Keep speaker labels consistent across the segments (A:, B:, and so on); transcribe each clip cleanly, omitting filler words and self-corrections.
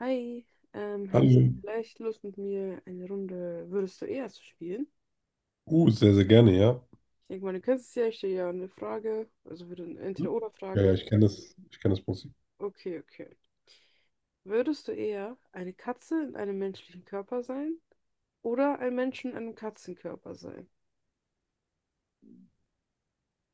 A: Hi, hättest
B: Hallo.
A: du vielleicht Lust mit mir eine Runde Würdest du eher zu spielen?
B: Sehr, sehr gerne, ja.
A: Ich denke mal, du kennst es ja, ich stelle ja eine Frage, also würde eine
B: Hm? Ja,
A: Entweder-oder-Frage
B: ja,
A: und
B: ich kenne das Prinzip.
A: okay, okay. Würdest du eher eine Katze in einem menschlichen Körper sein oder ein Mensch in einem Katzenkörper sein?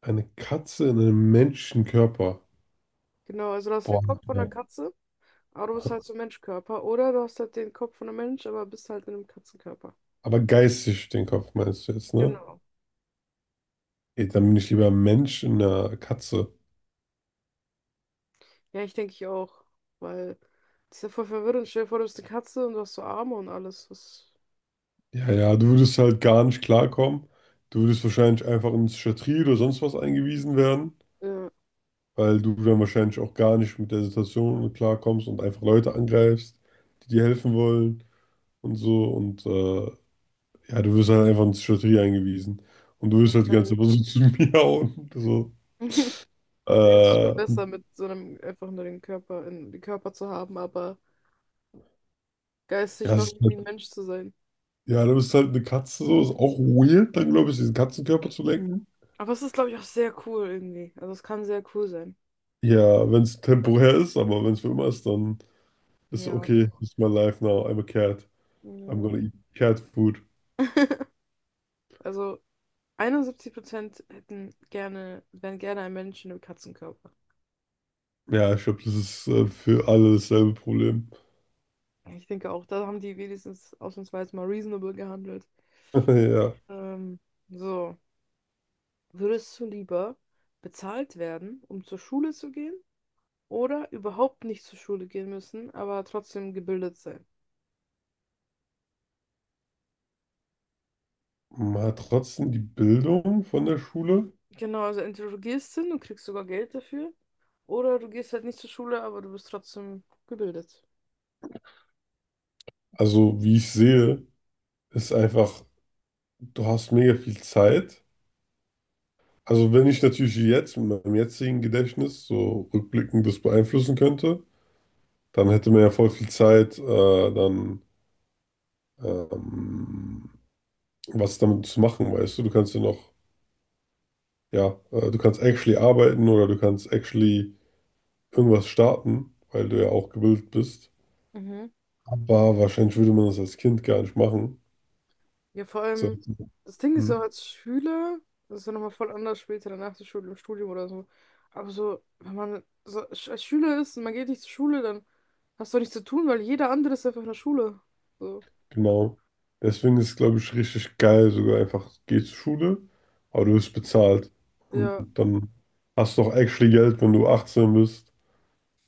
B: Eine Katze in einem Menschenkörper.
A: Genau, also du hast den
B: Boah,
A: Kopf von einer
B: ne.
A: Katze, aber du bist halt so ein Menschkörper oder du hast halt den Kopf von einem Mensch, aber bist halt in einem Katzenkörper.
B: Aber geistig den Kopf meinst du jetzt, ne?
A: Genau.
B: Ey, dann bin ich lieber ein Mensch in einer Katze.
A: Ja, ich denke ich auch. Weil das ist ja voll verwirrend. Stell dir vor, du bist eine Katze und du hast so Arme und alles. Das,
B: Ja, ja, du würdest halt gar nicht klarkommen. Du würdest wahrscheinlich einfach in die Psychiatrie oder sonst was eingewiesen werden,
A: ja,
B: weil du dann wahrscheinlich auch gar nicht mit der Situation klarkommst und einfach Leute angreifst, die dir helfen wollen und so. Ja, du wirst halt einfach in die Psychiatrie eingewiesen. Und du wirst halt die ganze
A: wahrscheinlich.
B: Zeit so zu mir miauen. So.
A: Nee, es ist schon
B: Äh,
A: besser, mit so einem einfach nur den Körper, in, den Körper zu haben, aber geistig
B: ja, es
A: noch
B: ist
A: irgendwie
B: halt,
A: ein Mensch zu sein.
B: ja, du bist halt eine Katze, so ist auch weird, dann glaube ich, diesen Katzenkörper zu lenken.
A: Aber es ist, glaube ich, auch sehr cool irgendwie. Also es kann sehr cool sein.
B: Ja, wenn es temporär ist, aber wenn es für immer ist, dann ist
A: Ja.
B: okay, it's my life now, I'm a cat. I'm
A: Ja.
B: gonna eat cat food.
A: Also 71% hätten gerne, wären gerne ein Mensch in einem Katzenkörper.
B: Ja, ich glaube, das ist für alle dasselbe Problem.
A: Ich denke auch, da haben die wenigstens ausnahmsweise mal reasonable gehandelt.
B: Ja.
A: Ähm, so. Würdest du lieber bezahlt werden, um zur Schule zu gehen, oder überhaupt nicht zur Schule gehen müssen, aber trotzdem gebildet sein?
B: Man hat trotzdem die Bildung von der Schule.
A: Genau, also entweder du gehst hin und kriegst sogar Geld dafür, oder du gehst halt nicht zur Schule, aber du bist trotzdem gebildet.
B: Also, wie ich sehe, ist einfach, du hast mega viel Zeit. Also wenn ich natürlich jetzt mit meinem jetzigen Gedächtnis so rückblickend das beeinflussen könnte, dann hätte man ja voll viel Zeit, dann ähm, was damit zu machen, weißt du? Du kannst ja noch, ja, du kannst actually arbeiten oder du kannst actually irgendwas starten, weil du ja auch gebildet bist.
A: Mhm.
B: Aber wahrscheinlich würde man das als Kind gar nicht machen.
A: Ja, vor
B: So,
A: allem, das Ding ist auch
B: hm.
A: als Schüler, das ist ja nochmal voll anders später, danach der Schule, im Studium oder so. Aber so, wenn man so als Schüler ist und man geht nicht zur Schule, dann hast du auch nichts zu tun, weil jeder andere ist einfach in der Schule. So,
B: Genau. Deswegen ist es, glaube ich, richtig geil, sogar einfach, geh zur Schule, aber du wirst bezahlt. Und
A: ja.
B: dann hast du auch actually Geld, wenn du 18 bist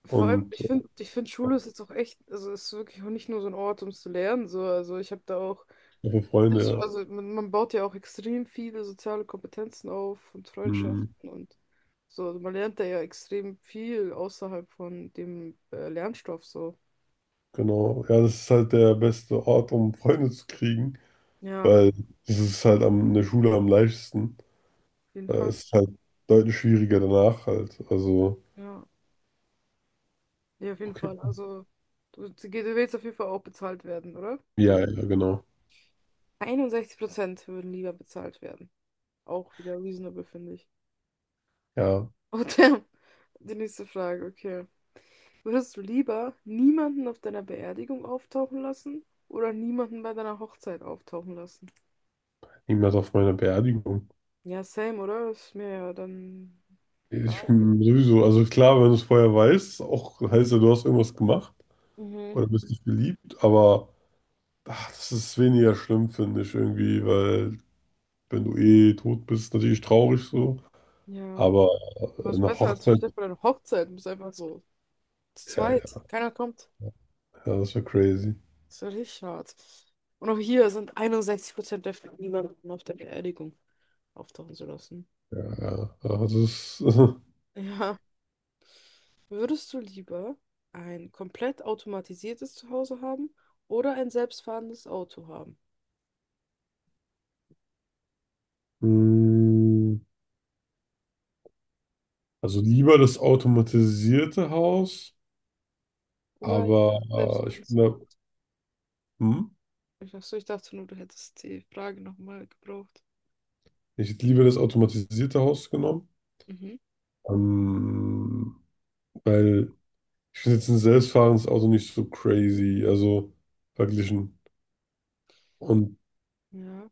A: Vor allem,
B: und
A: ich finde Schule ist jetzt auch echt, also ist wirklich auch nicht nur so ein Ort, um zu lernen. So. Also ich habe da auch,
B: auch für
A: nicht
B: Freunde,
A: so,
B: ja.
A: also man baut ja auch extrem viele soziale Kompetenzen auf und
B: Mhm.
A: Freundschaften und so. Also man lernt da ja extrem viel außerhalb von dem Lernstoff so.
B: Genau. Ja, das ist halt der beste Ort, um Freunde zu kriegen,
A: Ja, auf
B: weil das ist halt am, in der Schule am leichtesten.
A: jeden Fall.
B: Es ist halt deutlich schwieriger danach halt. Also,
A: Ja, ja, auf jeden
B: okay.
A: Fall. Also du willst auf jeden Fall auch bezahlt werden, oder?
B: Ja, ja, genau.
A: 61% würden lieber bezahlt werden. Auch wieder reasonable, finde ich.
B: Ja,
A: Und dann die nächste Frage, okay. Würdest du lieber niemanden auf deiner Beerdigung auftauchen lassen oder niemanden bei deiner Hochzeit auftauchen lassen?
B: niemand auf meiner Beerdigung.
A: Ja, same, oder? Ist mir ja dann
B: Ich
A: egal.
B: bin sowieso, also klar, wenn du es vorher weißt, auch heißt ja, du hast irgendwas gemacht
A: Mhm.
B: oder bist nicht beliebt, aber ach, das ist weniger schlimm, finde ich irgendwie, weil wenn du eh tot bist, natürlich traurig so,
A: Ja.
B: aber
A: Was
B: eine
A: besser als
B: Hochzeit,
A: stell dir vor, deine Hochzeit. Du bist einfach so zu
B: ja, ja,
A: zweit. Keiner kommt.
B: ja, das wäre crazy.
A: Das ist ja richtig hart. Und auch hier sind 61% dafür, niemanden auf der Beerdigung auftauchen zu lassen.
B: Ja, ja, also das ist,
A: Ja. Würdest du lieber ein komplett automatisiertes Zuhause haben oder ein selbstfahrendes Auto haben?
B: mm, also lieber das automatisierte Haus,
A: Oder selbst
B: aber
A: wenn
B: ich bin
A: es
B: da,
A: auch.
B: hm,
A: Ich dachte, so, ich dachte nur, du hättest die Frage nochmal gebraucht.
B: ich hätte lieber das automatisierte Haus genommen,
A: Mhm.
B: ähm, weil ich finde jetzt ein selbstfahrendes Auto nicht so crazy, also verglichen. Und
A: Ja.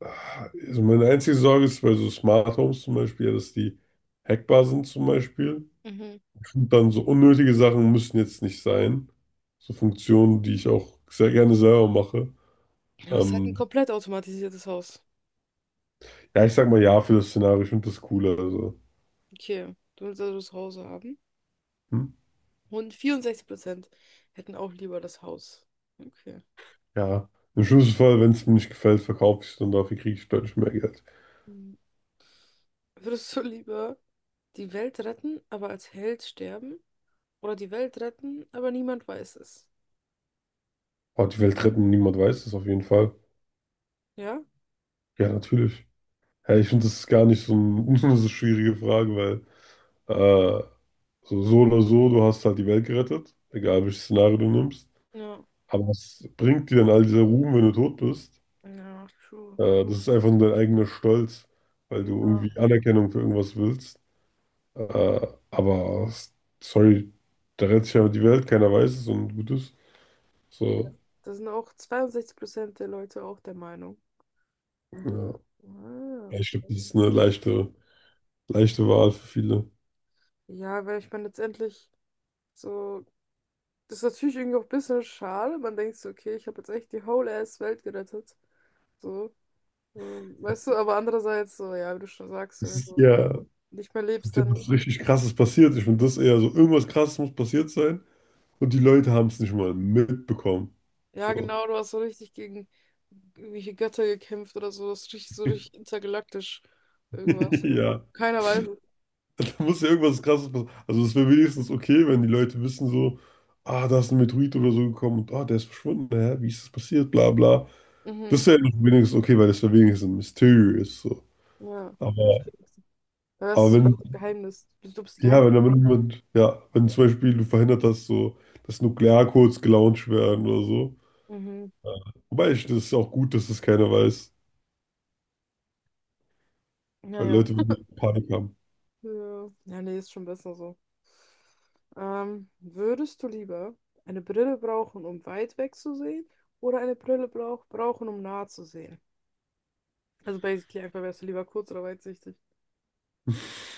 B: ah, also meine einzige Sorge ist bei so Smart Homes zum Beispiel, ja, dass die hackbar sind zum Beispiel.
A: Mhm.
B: Und dann so unnötige Sachen müssen jetzt nicht sein. So Funktionen, die ich auch sehr gerne selber mache.
A: Aber es ist halt ein
B: Ähm,
A: komplett automatisiertes Haus.
B: ja, ich sag mal ja für das Szenario, ich finde das cooler. Also,
A: Okay, du willst also das Haus haben.
B: hm?
A: Und 64% hätten auch lieber das Haus. Okay.
B: Ja, im schlimmsten Fall, wenn es mir nicht gefällt, verkaufe ich es und dafür kriege ich deutlich mehr Geld.
A: Hm. Würdest du lieber die Welt retten, aber als Held sterben? Oder die Welt retten, aber niemand weiß es?
B: Aber die Welt retten, niemand weiß das auf jeden Fall.
A: Ja?
B: Ja, natürlich. Ja, ich finde, das ist gar nicht so, ein, so eine schwierige Frage, weil äh, so, so oder so, du hast halt die Welt gerettet, egal welches Szenario du nimmst.
A: Ja.
B: Aber was bringt dir denn all dieser Ruhm, wenn du tot bist?
A: Ja, true.
B: Das ist einfach nur dein eigener Stolz, weil du
A: Ja.
B: irgendwie Anerkennung für irgendwas willst. Aber sorry, da rettet sich ja die Welt, keiner weiß es und gut ist.
A: Ja.
B: So,
A: Das sind auch 62% der Leute auch der Meinung.
B: ja.
A: Ah,
B: Ja, ich glaube,
A: okay.
B: das ist eine leichte, leichte Wahl für viele.
A: Ja, weil ich meine, letztendlich so, das ist natürlich irgendwie auch ein bisschen schade. Man denkt so, okay, ich habe jetzt echt die whole ass Welt gerettet. So, weißt du, aber andererseits so, ja, wie du schon sagst, so, wenn du
B: Ja.
A: nicht mehr lebst,
B: Ja,
A: dann,
B: was richtig krasses passiert. Ich finde das eher so, irgendwas krasses muss passiert sein und die Leute haben es nicht mal mitbekommen.
A: ja,
B: So.
A: genau, du hast so richtig gegen irgendwelche Götter gekämpft oder so. Das ist richtig, so richtig intergalaktisch irgendwas.
B: Ja,
A: Keiner weiß es.
B: da muss ja irgendwas krasses passieren. Also es wäre wenigstens okay, wenn die Leute wissen so, ah, da ist ein Meteorit oder so gekommen und ah, der ist verschwunden, hä? Wie ist das passiert, bla bla. Das
A: Mhm.
B: wäre noch wenigstens okay, weil das wäre wenigstens ein Mysterium ist so.
A: Ja.
B: Aber,
A: Weil das
B: aber
A: ist so
B: wenn,
A: ein Geheimnis. Du bist die.
B: ja, wenn damit jemand, ja, wenn zum Beispiel du verhindert hast, so, dass Nuklearcodes gelauncht werden oder so.
A: Mhm.
B: Ja. Wobei ich, das ist auch gut, dass das keiner weiß.
A: Ja,
B: Weil
A: ja.
B: Leute würden ja Panik haben.
A: Ja, ja, nee, ist schon besser so. Würdest du lieber eine Brille brauchen, um weit weg zu sehen, oder eine Brille brauchen, um nah zu sehen? Also basically einfach wärst du lieber kurz oder weitsichtig.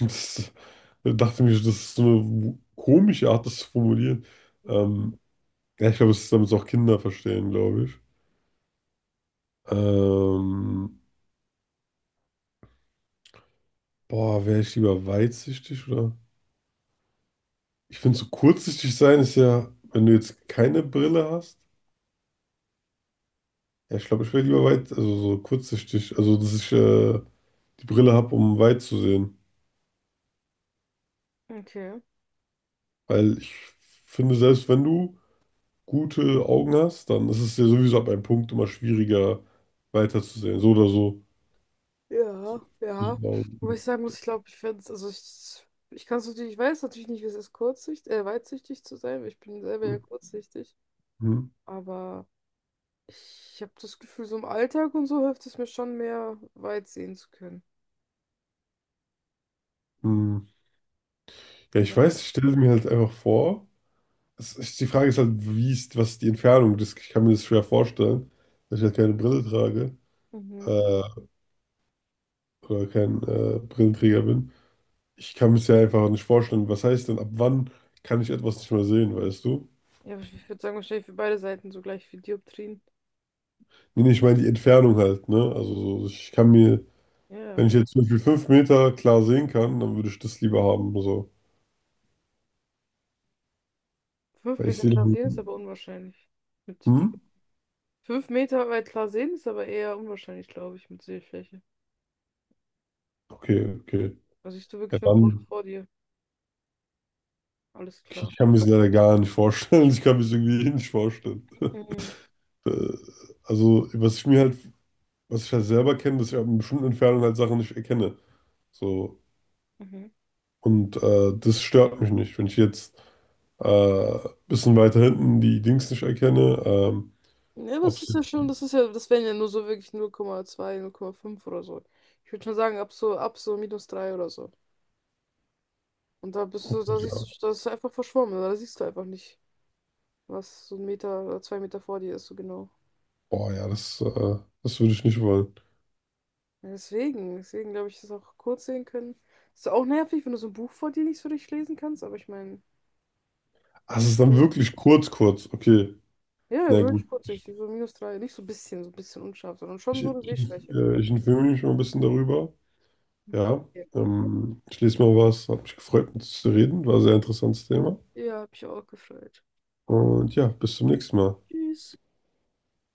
B: Und das, da dachte ich mir, das ist so eine komische Art, das zu formulieren. Ähm, ja, ich glaube, es ist, damit es auch Kinder verstehen, glaube ich. Ähm, Boah, wäre ich lieber weitsichtig oder? Ich finde, so kurzsichtig sein ist ja, wenn du jetzt keine Brille hast. Ja, ich glaube, ich wäre lieber weit, also so kurzsichtig, also dass ich die Brille habe, um weit zu sehen.
A: Okay.
B: Weil ich finde, selbst wenn du gute Augen hast, dann ist es ja sowieso ab einem Punkt immer schwieriger weiterzusehen. So oder so.
A: Ja, ja. Wobei
B: Hm,
A: ich sagen muss, ich glaube, ich fände es, also ich kann es natürlich, ich weiß natürlich nicht, wie es ist, kurzsichtig weitsichtig zu sein, weil ich bin selber ja kurzsichtig. Aber ich habe das Gefühl, so im Alltag und so hilft es mir schon mehr, weit sehen zu können.
B: hm. Ja, ich weiß, ich stelle mir halt einfach vor. Es ist, die Frage ist halt, wie ist, was ist die Entfernung? Das, ich kann mir das schwer vorstellen, dass ich halt keine Brille trage
A: Mhm.
B: äh, oder kein Brillenträger bin. Ich kann mir es ja einfach nicht vorstellen. Was heißt denn, ab wann kann ich etwas nicht mehr sehen, weißt du?
A: Ja, aber ich würde sagen, wahrscheinlich für beide Seiten so gleich viel Dioptrien.
B: Nee, nee, ich meine die Entfernung halt, ne? Also so, ich kann mir
A: Ja.
B: wenn ich jetzt zum Beispiel 5 Meter klar sehen kann, dann würde ich das lieber haben. So.
A: Fünf
B: Weil ich
A: Meter
B: sehe.
A: klar sehen ist
B: Den-
A: aber unwahrscheinlich. Mit
B: Hm?
A: die 5 Meter weit klar sehen ist aber eher unwahrscheinlich, glaube ich, mit Sehschwäche.
B: Okay, okay.
A: Da siehst du
B: Ja,
A: wirklich nur vor
B: dann.
A: vor dir. Alles
B: Okay,
A: klar.
B: ich kann mir das leider gar nicht vorstellen. Ich kann mir das irgendwie eh nicht vorstellen.
A: Mhm.
B: Äh, Also, was ich mir halt, was ich halt selber kenne, dass ich ab einer bestimmten Entfernung halt Sachen nicht erkenne. So.
A: Mhm.
B: Das stört mich nicht. Wenn ich jetzt ein bisschen weiter hinten die Dings nicht erkenne,
A: Ja, aber
B: ob
A: es
B: es
A: ist ja
B: jetzt.
A: schon, das ist ja, das wären ja nur so wirklich null Komma zwei 0,5 oder so. Ich würde schon sagen, ab so -3 oder so. Und da bist du,
B: Okay,
A: da siehst
B: ja.
A: du, das ist einfach verschwommen, da siehst du einfach nicht, was so 1 Meter oder 2 Meter vor dir ist, so genau.
B: Boah, ja, das würde ich nicht wollen.
A: Ja, deswegen, deswegen glaube ich, dass auch kurz sehen können. Ist auch nervig, wenn du so ein Buch vor dir nicht so richtig lesen kannst, aber ich meine,
B: Ah, es ist dann
A: ja,
B: wirklich kurz, kurz. Okay.
A: ja,
B: Na
A: so
B: gut.
A: richtig kurzsichtig, so minus drei, nicht so ein bisschen, so ein bisschen unscharf, sondern schon
B: Ich,
A: so eine
B: ich,
A: Sehschwäche.
B: Ich informiere mich mal ein bisschen darüber. Ja,
A: Ja.
B: ich lese mal was, hat mich gefreut, mit dir zu reden. War ein sehr interessantes Thema.
A: Ja, hab ich auch gefreut.
B: Und ja, bis zum nächsten Mal.
A: Tschüss.